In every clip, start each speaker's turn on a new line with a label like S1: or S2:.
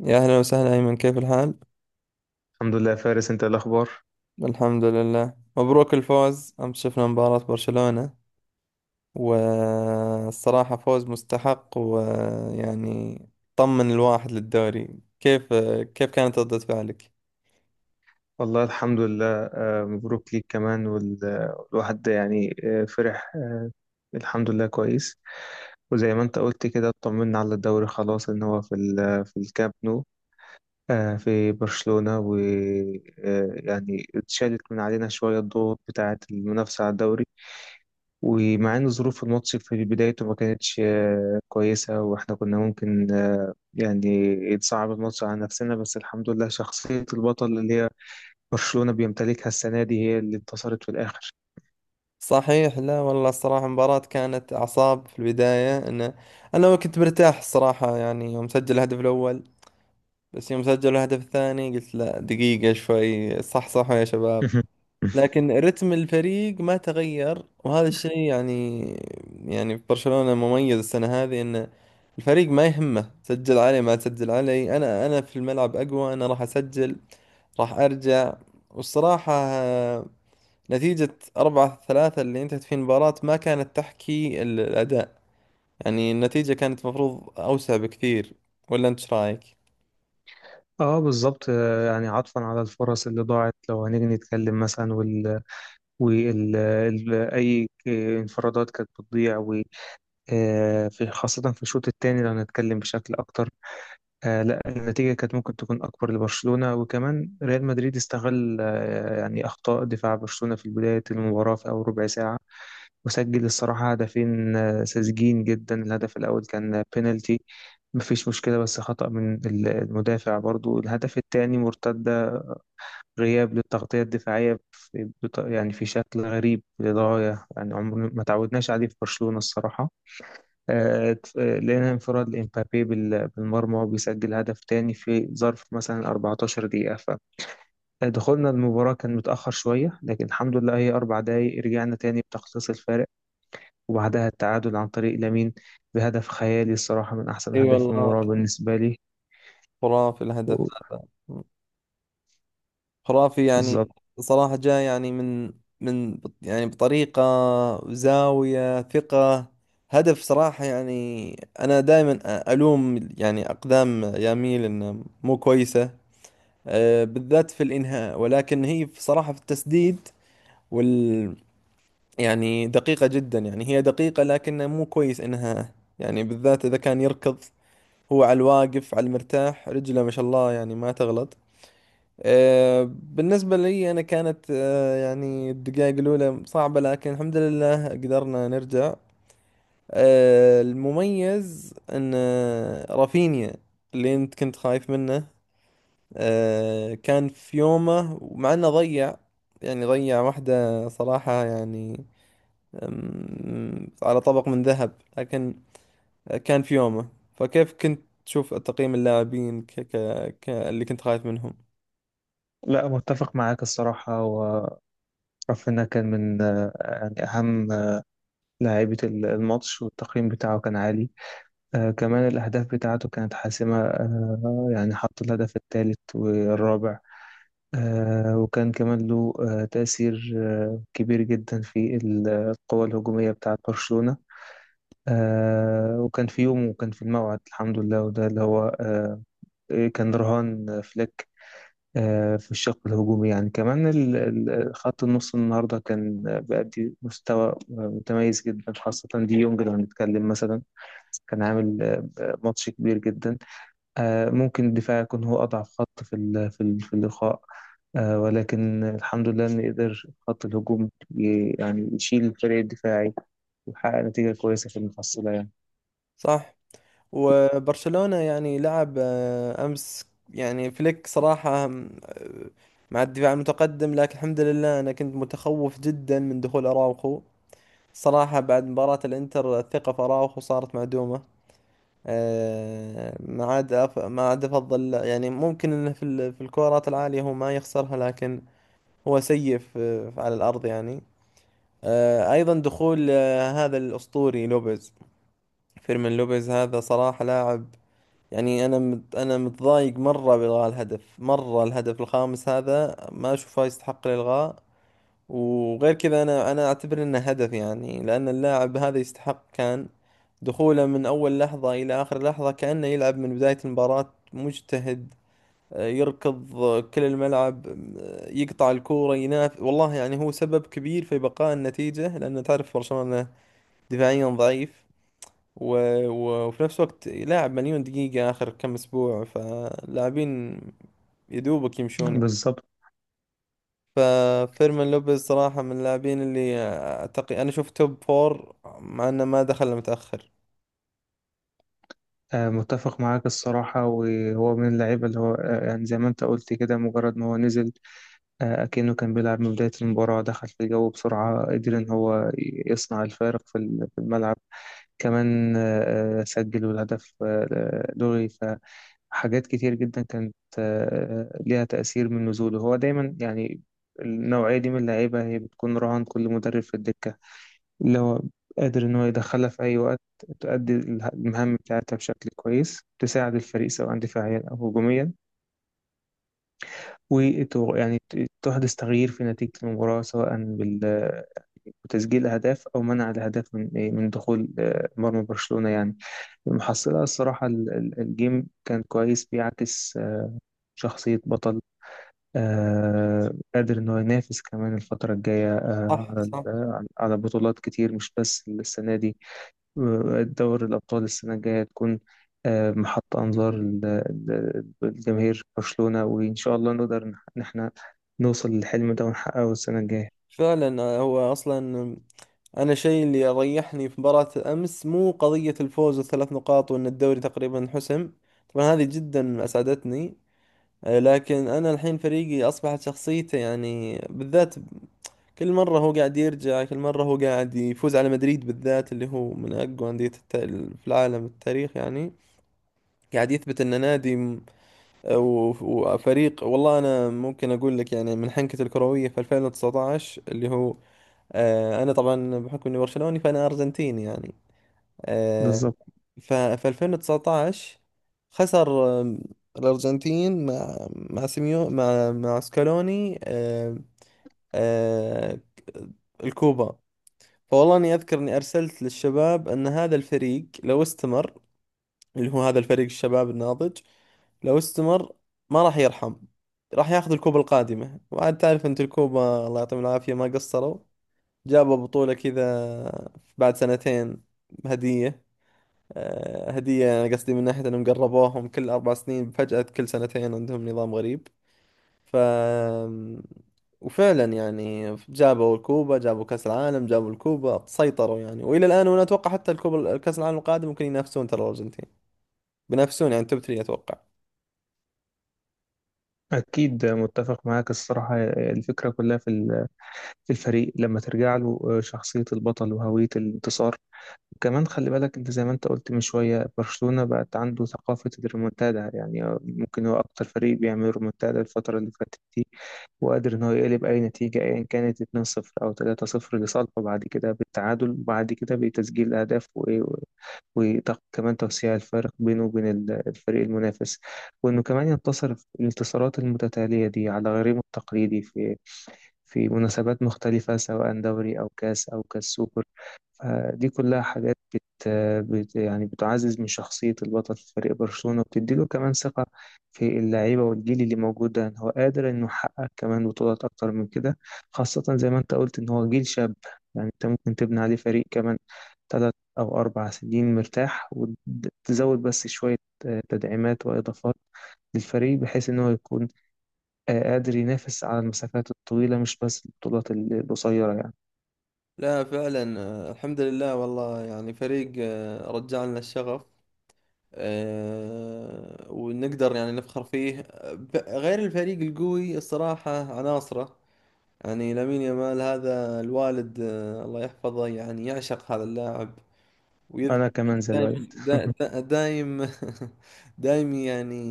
S1: يا أهلا وسهلا أيمن، كيف الحال؟
S2: الحمد لله يا فارس، انت ايه الاخبار؟
S1: الحمد لله، مبروك الفوز أمس، شفنا مباراة برشلونة، والصراحة فوز مستحق ويعني طمن الواحد للدوري. كيف كانت ردة فعلك؟
S2: والله الحمد لله. مبروك ليك كمان، والواحد ده يعني فرح. الحمد لله كويس. وزي ما انت قلت كده اطمنا على الدوري خلاص ان هو في في الكامب نو، في برشلونة. ويعني اتشالت من علينا شوية الضغوط بتاعة المنافسة على الدوري. ومع ان ظروف الماتش في بدايته ما كانتش كويسة، واحنا كنا ممكن يعني يتصعب الماتش على نفسنا، بس الحمد لله شخصية البطل اللي هي برشلونة بيمتلكها السنة دي هي اللي انتصرت في الآخر.
S1: صحيح. لا والله الصراحة المباراة كانت أعصاب في البداية. أنا كنت مرتاح الصراحة، يعني يوم سجل الهدف الأول بس يوم سجل الهدف الثاني قلت لا دقيقة شوي، صح صح يا شباب. لكن رتم الفريق ما تغير، وهذا الشيء يعني في برشلونة مميز السنة هذه، ان الفريق ما يهمه سجل علي ما سجل علي، انا في الملعب اقوى، انا راح اسجل راح ارجع. والصراحة نتيجة 4-3 اللي انتهت في المباراة ما كانت تحكي الأداء، يعني النتيجة كانت مفروض أوسع بكثير، ولا أنت إيش رأيك؟
S2: اه، بالظبط. يعني عطفا على الفرص اللي ضاعت، لو هنيجي نتكلم مثلا وال, وال... ال... اي ك- انفرادات كانت بتضيع. في خاصة في الشوط الثاني لو هنتكلم بشكل اكتر، لا، النتيجة كانت ممكن تكون اكبر لبرشلونة، وكمان ريال مدريد استغل يعني اخطاء دفاع برشلونة في بداية المباراة في اول ربع ساعة، وسجل الصراحة هدفين ساذجين جدا. الهدف الأول كان بينالتي، مفيش مشكلة، بس خطأ من المدافع. برضو الهدف التاني مرتدة، غياب للتغطية الدفاعية في يعني في شكل غريب للغاية، يعني عمرنا ما تعودناش عليه في برشلونة الصراحة. لقينا انفراد لإمبابي بالمرمى وبيسجل هدف تاني في ظرف مثلا 14 دقيقة. فدخولنا المباراة كان متأخر شوية، لكن الحمد لله هي 4 دقايق رجعنا تاني بتخصيص الفارق، وبعدها التعادل عن طريق لامين بهدف خيالي الصراحة، من أحسن
S1: اي
S2: أهداف
S1: والله،
S2: المباراة بالنسبة لي
S1: خرافي الهدف
S2: و-
S1: هذا، خرافي يعني.
S2: بالظبط.
S1: صراحة جاء يعني يعني بطريقة، زاوية ثقة، هدف صراحة يعني. أنا دائما ألوم يعني أقدام ياميل إنها مو كويسة، بالذات في الإنهاء، ولكن هي صراحة في التسديد، وال يعني دقيقة جدا، يعني هي دقيقة لكنها مو كويس إنها، يعني بالذات إذا كان يركض، هو على الواقف على المرتاح رجله ما شاء الله يعني ما تغلط. بالنسبة لي أنا كانت يعني الدقائق الأولى صعبة، لكن الحمد لله قدرنا نرجع. المميز أن رافينيا اللي أنت كنت خايف منه كان في يومه، ومع أنه ضيع يعني ضيع واحدة صراحة يعني، على طبق من ذهب، لكن كان في يومه. فكيف كنت تشوف تقييم اللاعبين اللي كنت خايف منهم؟
S2: لا، متفق معاك الصراحة. ورافينيا كان من يعني أهم لاعيبة الماتش، والتقييم بتاعه كان عالي. كمان الأهداف بتاعته كانت حاسمة، يعني حط الهدف الثالث والرابع. وكان كمان له تأثير كبير جدا في القوة الهجومية بتاعة برشلونة. وكان في يوم وكان في الموعد، الحمد لله. وده اللي هو إيه، كان رهان فليك. في الشق الهجومي، يعني كمان خط النص النهارده كان بيأدي مستوى متميز جدا، خاصة دي يونج لو هنتكلم مثلا، كان عامل ماتش كبير جدا. ممكن الدفاع يكون هو أضعف خط في في اللقاء، ولكن الحمد لله إن قدر خط الهجوم يعني يشيل الفريق الدفاعي، ويحقق نتيجة كويسة في المحصلة يعني.
S1: صح؟ وبرشلونة يعني لعب أمس، يعني فليك صراحة آم، آه، مع الدفاع المتقدم، لكن الحمد لله أنا كنت متخوف جدا من دخول أراوخو، صراحة بعد مباراة الإنتر الثقة في أراوخو صارت معدومة. ما عاد أفضل، يعني ممكن إنه في في الكورات العالية هو ما يخسرها، لكن هو سيء على الأرض يعني. أيضا دخول هذا الأسطوري لوبيز، فيرمين لوبيز هذا صراحة لاعب، يعني انا متضايق مره بالغاء الهدف، مره الهدف الخامس هذا ما اشوفه يستحق الالغاء، وغير كذا انا اعتبر انه هدف، يعني لان اللاعب هذا يستحق، كان دخوله من اول لحظه الى اخر لحظه كانه يلعب من بدايه المباراه، مجتهد، يركض كل الملعب يقطع الكوره ينافس، والله يعني هو سبب كبير في بقاء النتيجه، لان تعرف برشلونه دفاعيا ضعيف. و... وفي نفس الوقت لاعب مليون دقيقة آخر كم أسبوع، فلاعبين يدوبك يمشون يعني.
S2: بالظبط.
S1: ففيرمين لوبيز صراحة من اللاعبين اللي أعتقد أنا شفت توب فور، مع إنه ما دخل إلا متأخر.
S2: متفق معاك الصراحة. وهو من اللعيبة اللي هو يعني زي ما انت قلت كده، مجرد ما هو نزل أكنه كان بيلعب من بداية المباراة، دخل في الجو بسرعة، قدر ان هو يصنع الفارق في في الملعب. كمان سجل، والهدف لغي. فحاجات كتير جدا كانت ليها تأثير من نزوله. هو دايما يعني النوعية دي من اللعيبة هي بتكون رهان كل مدرب في الدكة، اللي هو قادر إن هو يدخلها في أي وقت، تؤدي المهام بتاعتها بشكل كويس، تساعد الفريق سواء دفاعيا أو هجوميا، ويعني تحدث تغيير في نتيجة المباراة سواء وتسجيل أهداف، أو منع الأهداف من من دخول مرمى برشلونة يعني. المحصلة الصراحة الجيم كان كويس، بيعكس شخصية بطل قادر إن هو ينافس كمان الفترة الجاية آه،
S1: صح
S2: على ال-
S1: صح.
S2: آه، على بطولات كتير، مش بس السنة دي. دوري الأبطال السنة الجاية تكون محط أنظار الجماهير برشلونة، وإن شاء الله نقدر إن إحنا نوصل للحلم ده ونحققه السنة الجاية.
S1: فعلا هو أصلا، أنا شيء اللي ريحني في مباراة أمس مو قضية الفوز والثلاث نقاط وإن الدوري تقريبا انحسم، طبعا هذه جدا أسعدتني. لكن أنا الحين فريقي أصبحت شخصيته، يعني بالذات كل مرة هو قاعد يرجع، كل مرة هو قاعد يفوز على مدريد، بالذات اللي هو من أقوى أندية في العالم التاريخ يعني، قاعد يثبت أنه وفريق. والله أنا ممكن أقول لك يعني من حنكة الكروية في 2019، اللي هو أنا طبعا بحكم إني برشلوني فأنا أرجنتيني يعني. آه،
S2: بالظبط.
S1: ففي 2019 خسر الأرجنتين مع سيميو مع سكالوني آه، الكوبا. فوالله اني اذكر اني ارسلت للشباب ان هذا الفريق لو استمر، اللي هو هذا الفريق الشباب الناضج، لو استمر ما راح يرحم، راح ياخذ الكوبا القادمة. وعاد تعرف انت الكوبا، الله يعطيهم العافية ما قصروا، جابوا بطولة كذا بعد 2 سنين هدية. هدية، أنا قصدي من ناحية أنهم قربوهم، كل 4 سنين فجأة كل 2 سنين، عندهم نظام غريب. ف وفعلا يعني جابوا الكوبا، جابوا كأس العالم، جابوا الكوبا، سيطروا يعني والى الان، وانا اتوقع حتى الكوبا كأس العالم القادم ممكن ينافسون ترى الارجنتين، بينافسون يعني توب 3 اتوقع.
S2: أكيد متفق معاك الصراحة. الفكرة كلها في في الفريق، لما ترجع له شخصية البطل وهوية الانتصار. كمان خلي بالك انت زي ما انت قلت من شوية، برشلونة بقت عنده ثقافة الريمونتادا، يعني ممكن هو اكتر فريق بيعمل ريمونتادا الفترة اللي فاتت دي، وقادر ان هو يقلب اي نتيجة ايا كانت 2-0 او 3-0 لصالحه، بعد كده بالتعادل، وبعد كده بتسجيل اهداف وايه، وكمان توسيع الفارق بينه وبين الفريق المنافس، وانه كمان ينتصر في الانتصارات المتتالية دي على غريمه التقليدي في مناسبات مختلفة، سواء دوري أو كاس أو كاس سوبر. دي كلها حاجات بت... بت يعني بتعزز من شخصية البطل في فريق برشلونة، وبتديله كمان ثقة في اللعيبة والجيل اللي موجود ده، إن هو قادر إنه يحقق كمان بطولات أكتر من كده، خاصة زي ما أنت قلت إن هو جيل شاب. يعني أنت ممكن تبني عليه فريق كمان 3 أو 4 سنين مرتاح، وتزود بس شوية تدعيمات وإضافات للفريق، بحيث إن هو يكون قادر ينافس على المسافات الطويلة، مش بس البطولات القصيرة يعني.
S1: لا فعلا، الحمد لله، والله يعني فريق رجع لنا الشغف، ونقدر يعني نفخر فيه، غير الفريق القوي الصراحة عناصره، يعني لامين يامال هذا، الوالد الله يحفظه يعني يعشق هذا اللاعب،
S2: أنا
S1: ويذكر
S2: كمان زي الولد.
S1: دايم دايم، يعني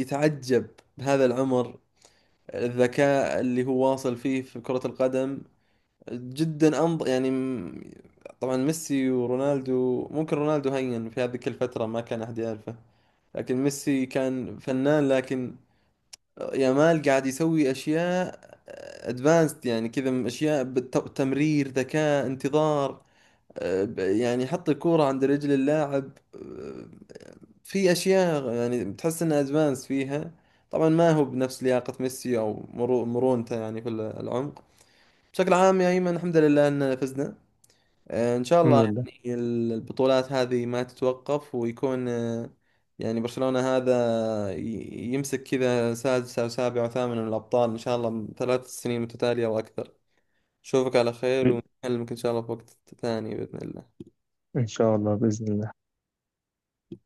S1: يتعجب بهذا العمر الذكاء اللي هو واصل فيه في كرة القدم، جدا طبعا ميسي ورونالدو، ممكن رونالدو هين في هذيك الفترة ما كان أحد يعرفه، لكن ميسي كان فنان، لكن يامال قاعد يسوي أشياء ادفانسد، يعني كذا أشياء بالتمرير، ذكاء، انتظار، يعني حط الكورة عند رجل اللاعب، في اشياء يعني بتحس انها ادفانس فيها. طبعا ما هو بنفس لياقة ميسي او مرونته يعني في العمق. بشكل عام يا ايمن، الحمد لله اننا فزنا، ان شاء
S2: الحمد
S1: الله
S2: لله.
S1: يعني البطولات هذه ما تتوقف، ويكون يعني برشلونة هذا يمسك كذا سادس او سابع او ثامن من الابطال، ان شاء الله 3 سنين متتالية واكثر. اشوفك على خير، ونكلمك ان شاء الله في وقت ثاني باذن الله.
S2: إن شاء الله بإذن الله.